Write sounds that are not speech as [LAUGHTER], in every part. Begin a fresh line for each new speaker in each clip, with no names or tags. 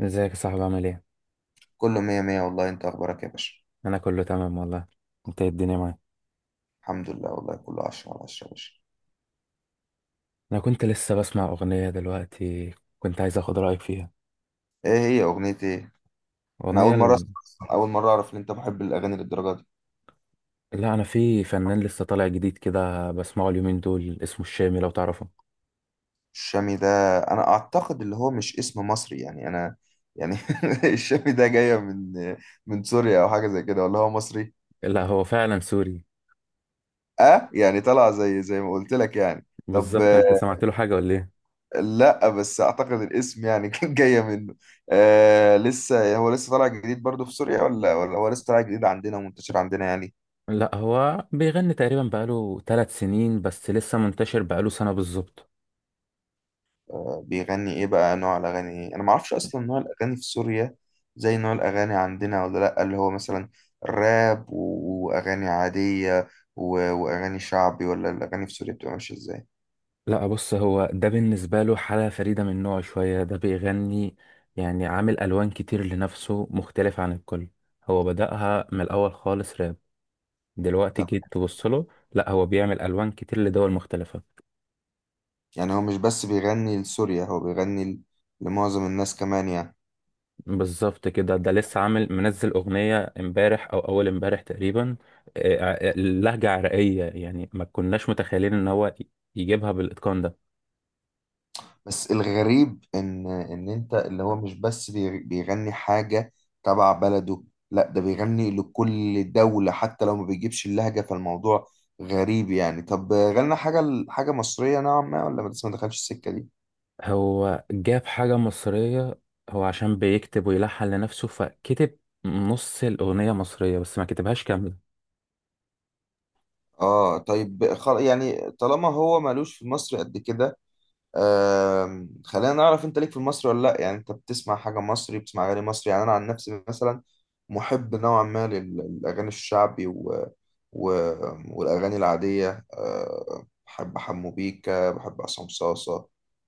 ازيك يا صاحبي؟ عامل ايه؟
كله مية مية والله، انت اخبارك يا باشا؟
انا كله تمام والله. انت ايه الدنيا معاك؟
الحمد لله والله كله عشرة على عشرة يا باشا.
انا كنت لسه بسمع اغنية دلوقتي، كنت عايز اخد رأيك فيها.
ايه هي اغنية ايه؟ انا
اغنية
اول مرة اسمع أصلاً، اول مرة اعرف ان انت محب الاغاني للدرجة دي.
لا انا في فنان لسه طالع جديد كده بسمعه اليومين دول، اسمه الشامي لو تعرفه.
الشامي ده انا اعتقد اللي هو مش اسم مصري يعني. انا يعني [LAUGHS] الشامي ده جاية من من سوريا او حاجة زي كده ولا هو مصري؟
لا هو فعلا سوري.
اه يعني طلع زي ما قلت لك يعني. طب
بالظبط. انت سمعت له حاجة ولا ايه؟
لا بس اعتقد الاسم يعني [LAUGHS] كان جاية منه. آه هو لسه طالع جديد برضه في سوريا ولا هو لسه طالع جديد عندنا ومنتشر عندنا يعني؟
لا هو بيغني تقريبا بقاله 3 سنين، بس لسه منتشر بقاله سنة بالظبط.
بيغني ايه بقى، نوع الاغاني ايه؟ انا ما اعرفش اصلا نوع الاغاني في سوريا زي نوع الاغاني عندنا ولا لا؟ اللي هو مثلا راب واغاني عادية واغاني شعبي، ولا الاغاني في سوريا بتبقى ماشية ازاي؟
لا بص، هو ده بالنسبة له حالة فريدة من نوعه شوية. ده بيغني، يعني عامل ألوان كتير لنفسه مختلف عن الكل. هو بدأها من الأول خالص راب، دلوقتي
طب،
جيت تبص له، لا هو بيعمل ألوان كتير لدول مختلفة.
يعني هو مش بس بيغني لسوريا، هو بيغني لمعظم الناس كمان يعني.
بالظبط كده. ده لسه عامل منزل أغنية امبارح أو أول امبارح تقريبا. آه، لهجة عراقية، يعني ما كناش متخيلين إن هو يجيبها بالإتقان ده.
بس الغريب ان انت اللي هو مش بس بيغني حاجة تبع بلده، لا ده بيغني لكل دولة حتى لو ما بيجيبش اللهجة، فالموضوع غريب يعني. طب غنى حاجة مصرية نوعا ما ولا ما لسه ما دخلش السكة دي؟
هو جاب حاجة مصرية. هو عشان بيكتب ويلحن لنفسه، فكتب نص الأغنية مصرية بس ما كتبهاش كاملة.
اه طيب يعني طالما هو مالوش في مصر قد كده. خلينا نعرف، انت ليك في المصري ولا لا؟ يعني انت بتسمع حاجة مصري، بتسمع اغاني مصري؟ يعني انا عن نفسي مثلا محب نوعا ما للاغاني الشعبي و... والاغاني العادية. بحب حمو بيكا، بحب عصام صاصة.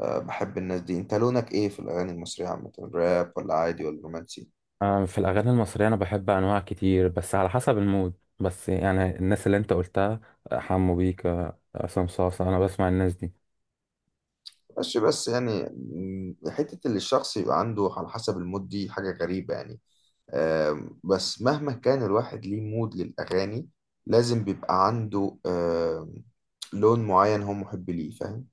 بحب الناس دي. انت لونك ايه في الاغاني المصرية عامة، راب ولا عادي ولا رومانسي؟
في الأغاني المصرية أنا بحب أنواع كتير بس على حسب المود. بس يعني الناس اللي أنت قلتها، حمو بيكا، عصام صاصا، أنا بسمع الناس دي.
ماشي بس يعني حتة اللي الشخص يبقى عنده على حسب المود دي حاجة غريبة يعني. بس مهما كان الواحد ليه مود للأغاني، لازم بيبقى عنده لون معين هو محب ليه، فاهم؟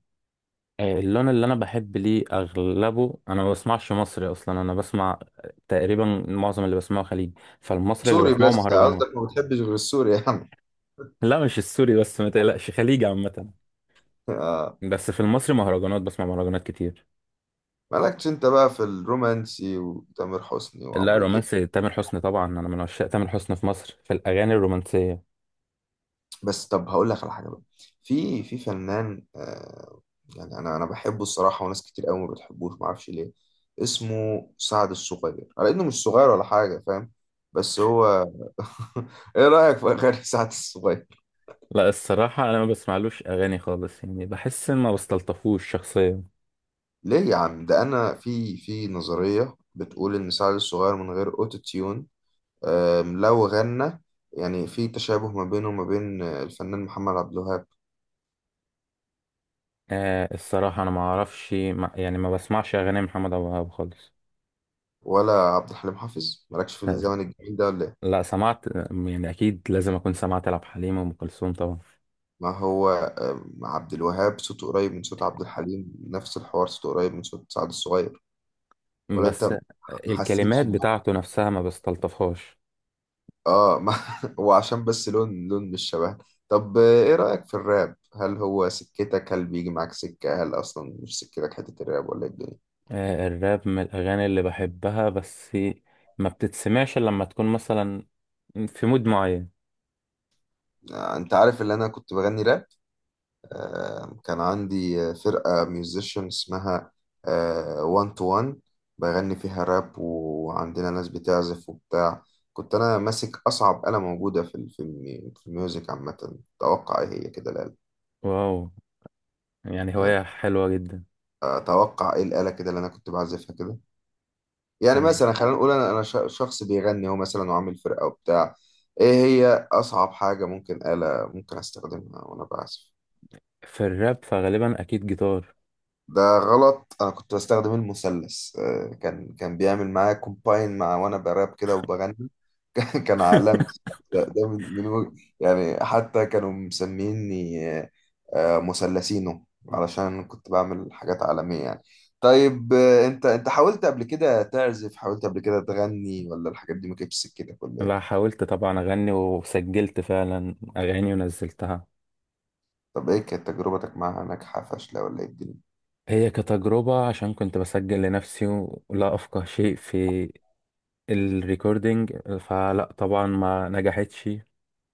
اللون اللي أنا بحب ليه أغلبه، أنا ما بسمعش مصري أصلا. أنا بسمع تقريبا معظم اللي بسمعه خليجي، فالمصري اللي
سوري،
بسمعه
بس قصدك
مهرجانات.
ما بتحبش غير السوري يا عم؟
لا مش السوري بس، ما تقلقش، خليجي عامة.
[LAUGHS] آه،
بس في المصري مهرجانات، بسمع مهرجانات كتير.
مالكش انت بقى في الرومانسي وتامر حسني
لا
وعمرو دياب؟
رومانسي تامر حسني طبعا، انا من عشاق تامر حسني في مصر في الاغاني الرومانسيه.
بس طب هقول لك على حاجه بقى، في فنان يعني انا بحبه الصراحه، وناس كتير قوي ما بتحبوش، ما اعرفش ليه. اسمه سعد الصغير، على انه مش صغير ولا حاجه، فاهم؟ بس هو [LAUGHS] ايه رايك في اغاني سعد الصغير؟
لا الصراحه انا ما بسمعلوش اغاني خالص، يعني بحس ان ما بستلطفوش شخصيا.
ليه يا عم؟ ده انا في نظريه بتقول ان سعد الصغير من غير اوتو تيون، لو غنى يعني في تشابه ما بينه وما بين الفنان محمد عبد الوهاب
آه، الصراحه انا ما اعرفش، ما يعني ما بسمعش اغاني محمد ابو وهاب خالص.
ولا عبد الحليم حافظ. مالكش في الزمن الجميل ده ولا إيه؟
لا سمعت يعني، اكيد لازم اكون سمعت لعبد الحليم وام كلثوم طبعا.
ما هو عبد الوهاب صوته قريب من صوت عبد الحليم، نفس الحوار صوته قريب من صوت سعد الصغير. ولا انت
بس
ما حسيتش
الكلمات بتاعته نفسها ما بستلطفهاش.
ما [LAUGHS] هو عشان بس لون، لون مش شبه. طب ايه رأيك في الراب؟ هل هو سكتك، هل بيجي معاك سكة، هل اصلا مش سكتك حتة الراب ولا إيه الدنيا؟
الراب من الأغاني اللي بحبها، بس ما بتتسمعش إلا لما تكون مثلا في مود معين.
انت عارف اللي انا كنت بغني راب. كان عندي فرقة ميوزيشن اسمها وان تو وان، بغني فيها راب وعندنا ناس بتعزف وبتاع. كنت أنا ماسك أصعب آلة موجودة في في في الميوزك عامة، توقع إيه هي كده الآلة؟
واو، يعني
يعني
هواية حلوة جدا.
أتوقع إيه الآلة كده اللي أنا كنت بعزفها كده؟ يعني
مم.
مثلا خلينا نقول أنا شخص بيغني هو مثلا وعامل فرقة وبتاع. إيه هي أصعب حاجة ممكن، آلة ممكن أستخدمها وأنا بعزف؟
في الراب فغالبا أكيد جيتار.
ده غلط، انا كنت بستخدم المثلث. كان بيعمل معايا كومباين مع وانا براب كده وبغني. [LAUGHS] كان عالمي ده ده، من يعني حتى كانوا مسميني مثلثينو، علشان كنت بعمل حاجات عالمية يعني. طيب انت حاولت قبل كده تعزف، حاولت قبل كده تغني، ولا الحاجات دي ما كانتش سكتك ولا
بقى
ايه؟
حاولت طبعا أغني، وسجلت فعلا أغاني ونزلتها.
طب ايه كانت تجربتك معاها، ناجحة فاشلة ولا ايه الدنيا؟
هي كتجربة، عشان كنت بسجل لنفسي ولا أفقه شيء في الريكوردينج، فلا طبعا ما نجحتش.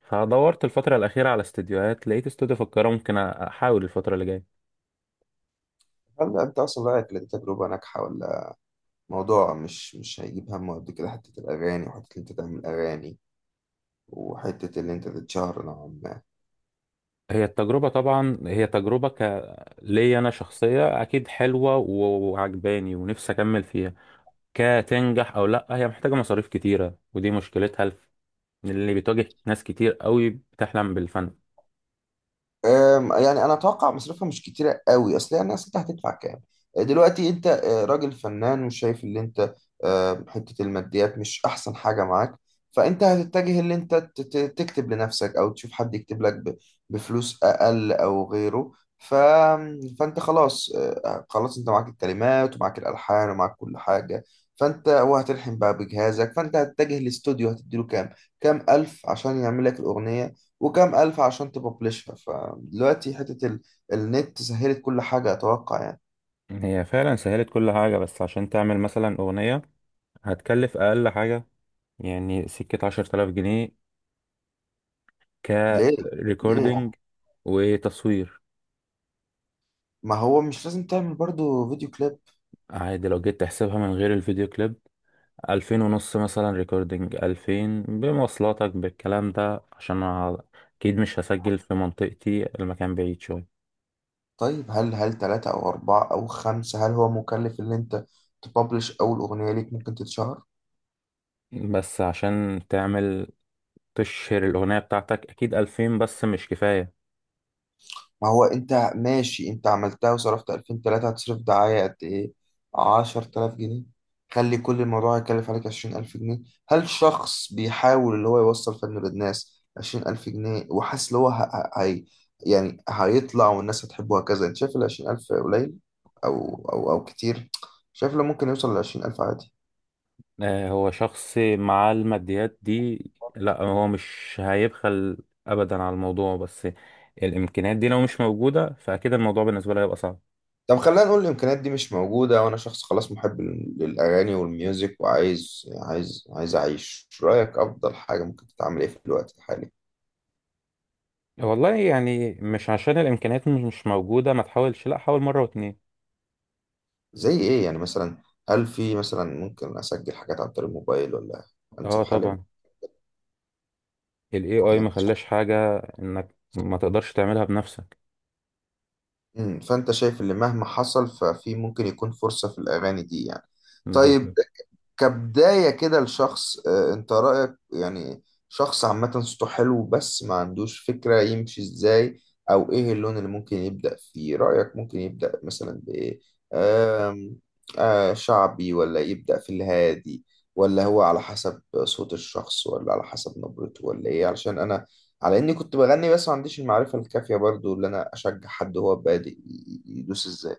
فدورت الفترة الأخيرة على استديوهات، لقيت استوديو في القاهرة ممكن أحاول الفترة اللي جاية.
هل انت اصلا رأيك إن دي تجربة ناجحة، ولا موضوع مش هيجيب همه قد كده حتة الأغاني، وحتة اللي أنت تعمل أغاني، وحتة اللي أنت تتشهر نوعا ما؟
هي التجربة طبعا، هي تجربة ليا أنا شخصية، أكيد حلوة وعجباني ونفسي أكمل فيها. كتنجح أو لأ، هي محتاجة مصاريف كتيرة، ودي مشكلتها اللي بتواجه ناس كتير قوي بتحلم بالفن.
يعني انا اتوقع مصروفها مش كتيره قوي، اصل هي الناس انت هتدفع كام؟ دلوقتي انت راجل فنان وشايف اللي انت حته الماديات مش احسن حاجه معاك. فانت هتتجه اللي انت تكتب لنفسك او تشوف حد يكتب لك بفلوس اقل او غيره. ف... فانت خلاص، خلاص انت معاك الكلمات ومعاك الالحان ومعاك كل حاجه. فانت وهتلحن بقى بجهازك، فانت هتتجه لاستوديو هتديله كام، كام الف عشان يعمل لك الاغنيه، وكام ألف عشان تببلشها. فدلوقتي حتة النت سهلت كل حاجة أتوقع يعني.
هي فعلا سهلت كل حاجة، بس عشان تعمل مثلا أغنية، هتكلف أقل حاجة يعني سكة 10 آلاف جنيه.
ليه؟
كريكوردينج
ليه؟
وتصوير
ما هو مش لازم تعمل برضو فيديو كليب؟
عادي، لو جيت تحسبها من غير الفيديو كليب، 2500 مثلا ريكوردينج، 2000 بمواصلاتك بالكلام ده عشان أنا أكيد مش هسجل في منطقتي، المكان بعيد شوية.
طيب هل تلاتة أو أربعة أو خمسة، هل هو مكلف إن أنت تببلش أول أغنية ليك ممكن تتشهر؟
بس عشان تعمل تشهر الأغنية بتاعتك أكيد ألفين بس مش كفاية.
ما هو انت ماشي، انت عملتها وصرفت 2000 3، هتصرف دعاية قد ايه، 10000 جنيه؟ خلي كل الموضوع يكلف عليك 20000 جنيه. هل شخص بيحاول اللي هو يوصل فنه للناس 20000 جنيه وحاسس اللي هو هي يعني هيطلع والناس هتحبه هكذا، انت شايف ال 20000 قليل او كتير؟ شايف لو ممكن يوصل ل 20000 عادي؟
هو شخص مع الماديات دي، لا هو مش هيبخل أبدا على الموضوع، بس الإمكانيات دي لو مش موجودة فأكيد الموضوع بالنسبة له هيبقى صعب.
طب خلينا نقول الامكانيات دي مش موجوده وانا شخص خلاص محب للاغاني والميوزك وعايز عايز عايز اعيش، رايك افضل حاجه ممكن تتعمل ايه في الوقت الحالي؟
والله يعني مش عشان الإمكانيات مش موجودة ما تحاولش، لا حاول مرة واتنين.
زي ايه يعني مثلا، هل في مثلا ممكن اسجل حاجات عن طريق الموبايل ولا
اه
انسب حل؟
طبعا، ال AI
يعني
ما خلاش حاجة انك ما تقدرش تعملها بنفسك.
فانت شايف اللي مهما حصل ففي ممكن يكون فرصه في الاغاني دي يعني. طيب
بالظبط.
كبداية كده لشخص، انت رأيك يعني شخص عامة صوته حلو بس ما عندوش فكرة يمشي ازاي، او ايه اللون اللي ممكن يبدأ فيه؟ رأيك ممكن يبدأ مثلا بايه؟ آم، شعبي ولا يبدأ في الهادي، ولا هو على حسب صوت الشخص ولا على حسب نبرته ولا ايه؟ علشان انا على اني كنت بغني بس ما عنديش المعرفة الكافية برضو اللي انا اشجع حد هو بادئ يدوس ازاي.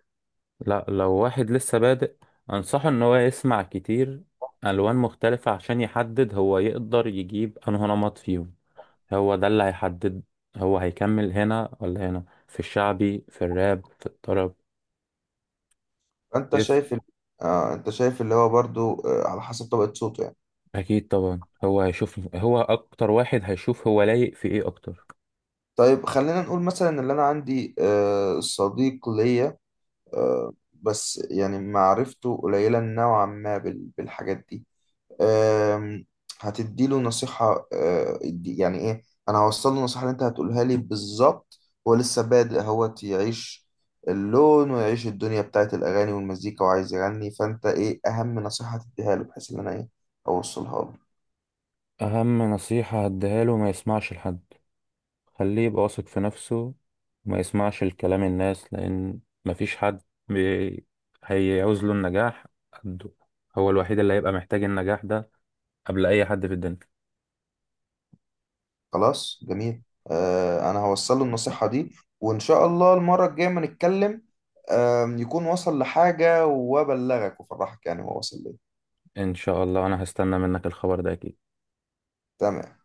لا لو واحد لسه بادئ، انصحه ان هو يسمع كتير الوان مختلفة عشان يحدد هو يقدر يجيب انه نمط فيهم. هو ده اللي هيحدد هو هيكمل هنا ولا هنا، في الشعبي في الراب في الطرب.
فانت
يس.
شايف انت شايف اللي هو برضو على حسب طبقة صوته يعني.
اكيد طبعا، هو هيشوف، هو اكتر واحد هيشوف هو لايق في ايه اكتر.
طيب خلينا نقول مثلا ان انا عندي صديق ليا، بس يعني معرفته قليلة نوعا ما بالحاجات دي. آم، هتديله نصيحة يعني ايه؟ انا هوصل له النصيحة اللي انت هتقولها لي بالظبط. هو لسه بادئ، هو يعيش اللون ويعيش الدنيا بتاعت الاغاني والمزيكا وعايز يغني، فانت ايه اهم نصيحة هتديها له بحيث ان انا ايه اوصلها له؟
اهم نصيحة هديها له، ما يسمعش لحد، خليه يبقى واثق في نفسه وما يسمعش الكلام الناس، لأن مفيش حد بي... هيعوز له النجاح قده. هو الوحيد اللي هيبقى محتاج النجاح ده قبل أي حد في الدنيا.
خلاص جميل. انا هوصل له النصيحة دي وان شاء الله المرة الجاية ما نتكلم يكون وصل لحاجة وابلغك وافرحك يعني هو وصل ليه.
إن شاء الله، أنا هستنى منك الخبر ده أكيد.
تمام.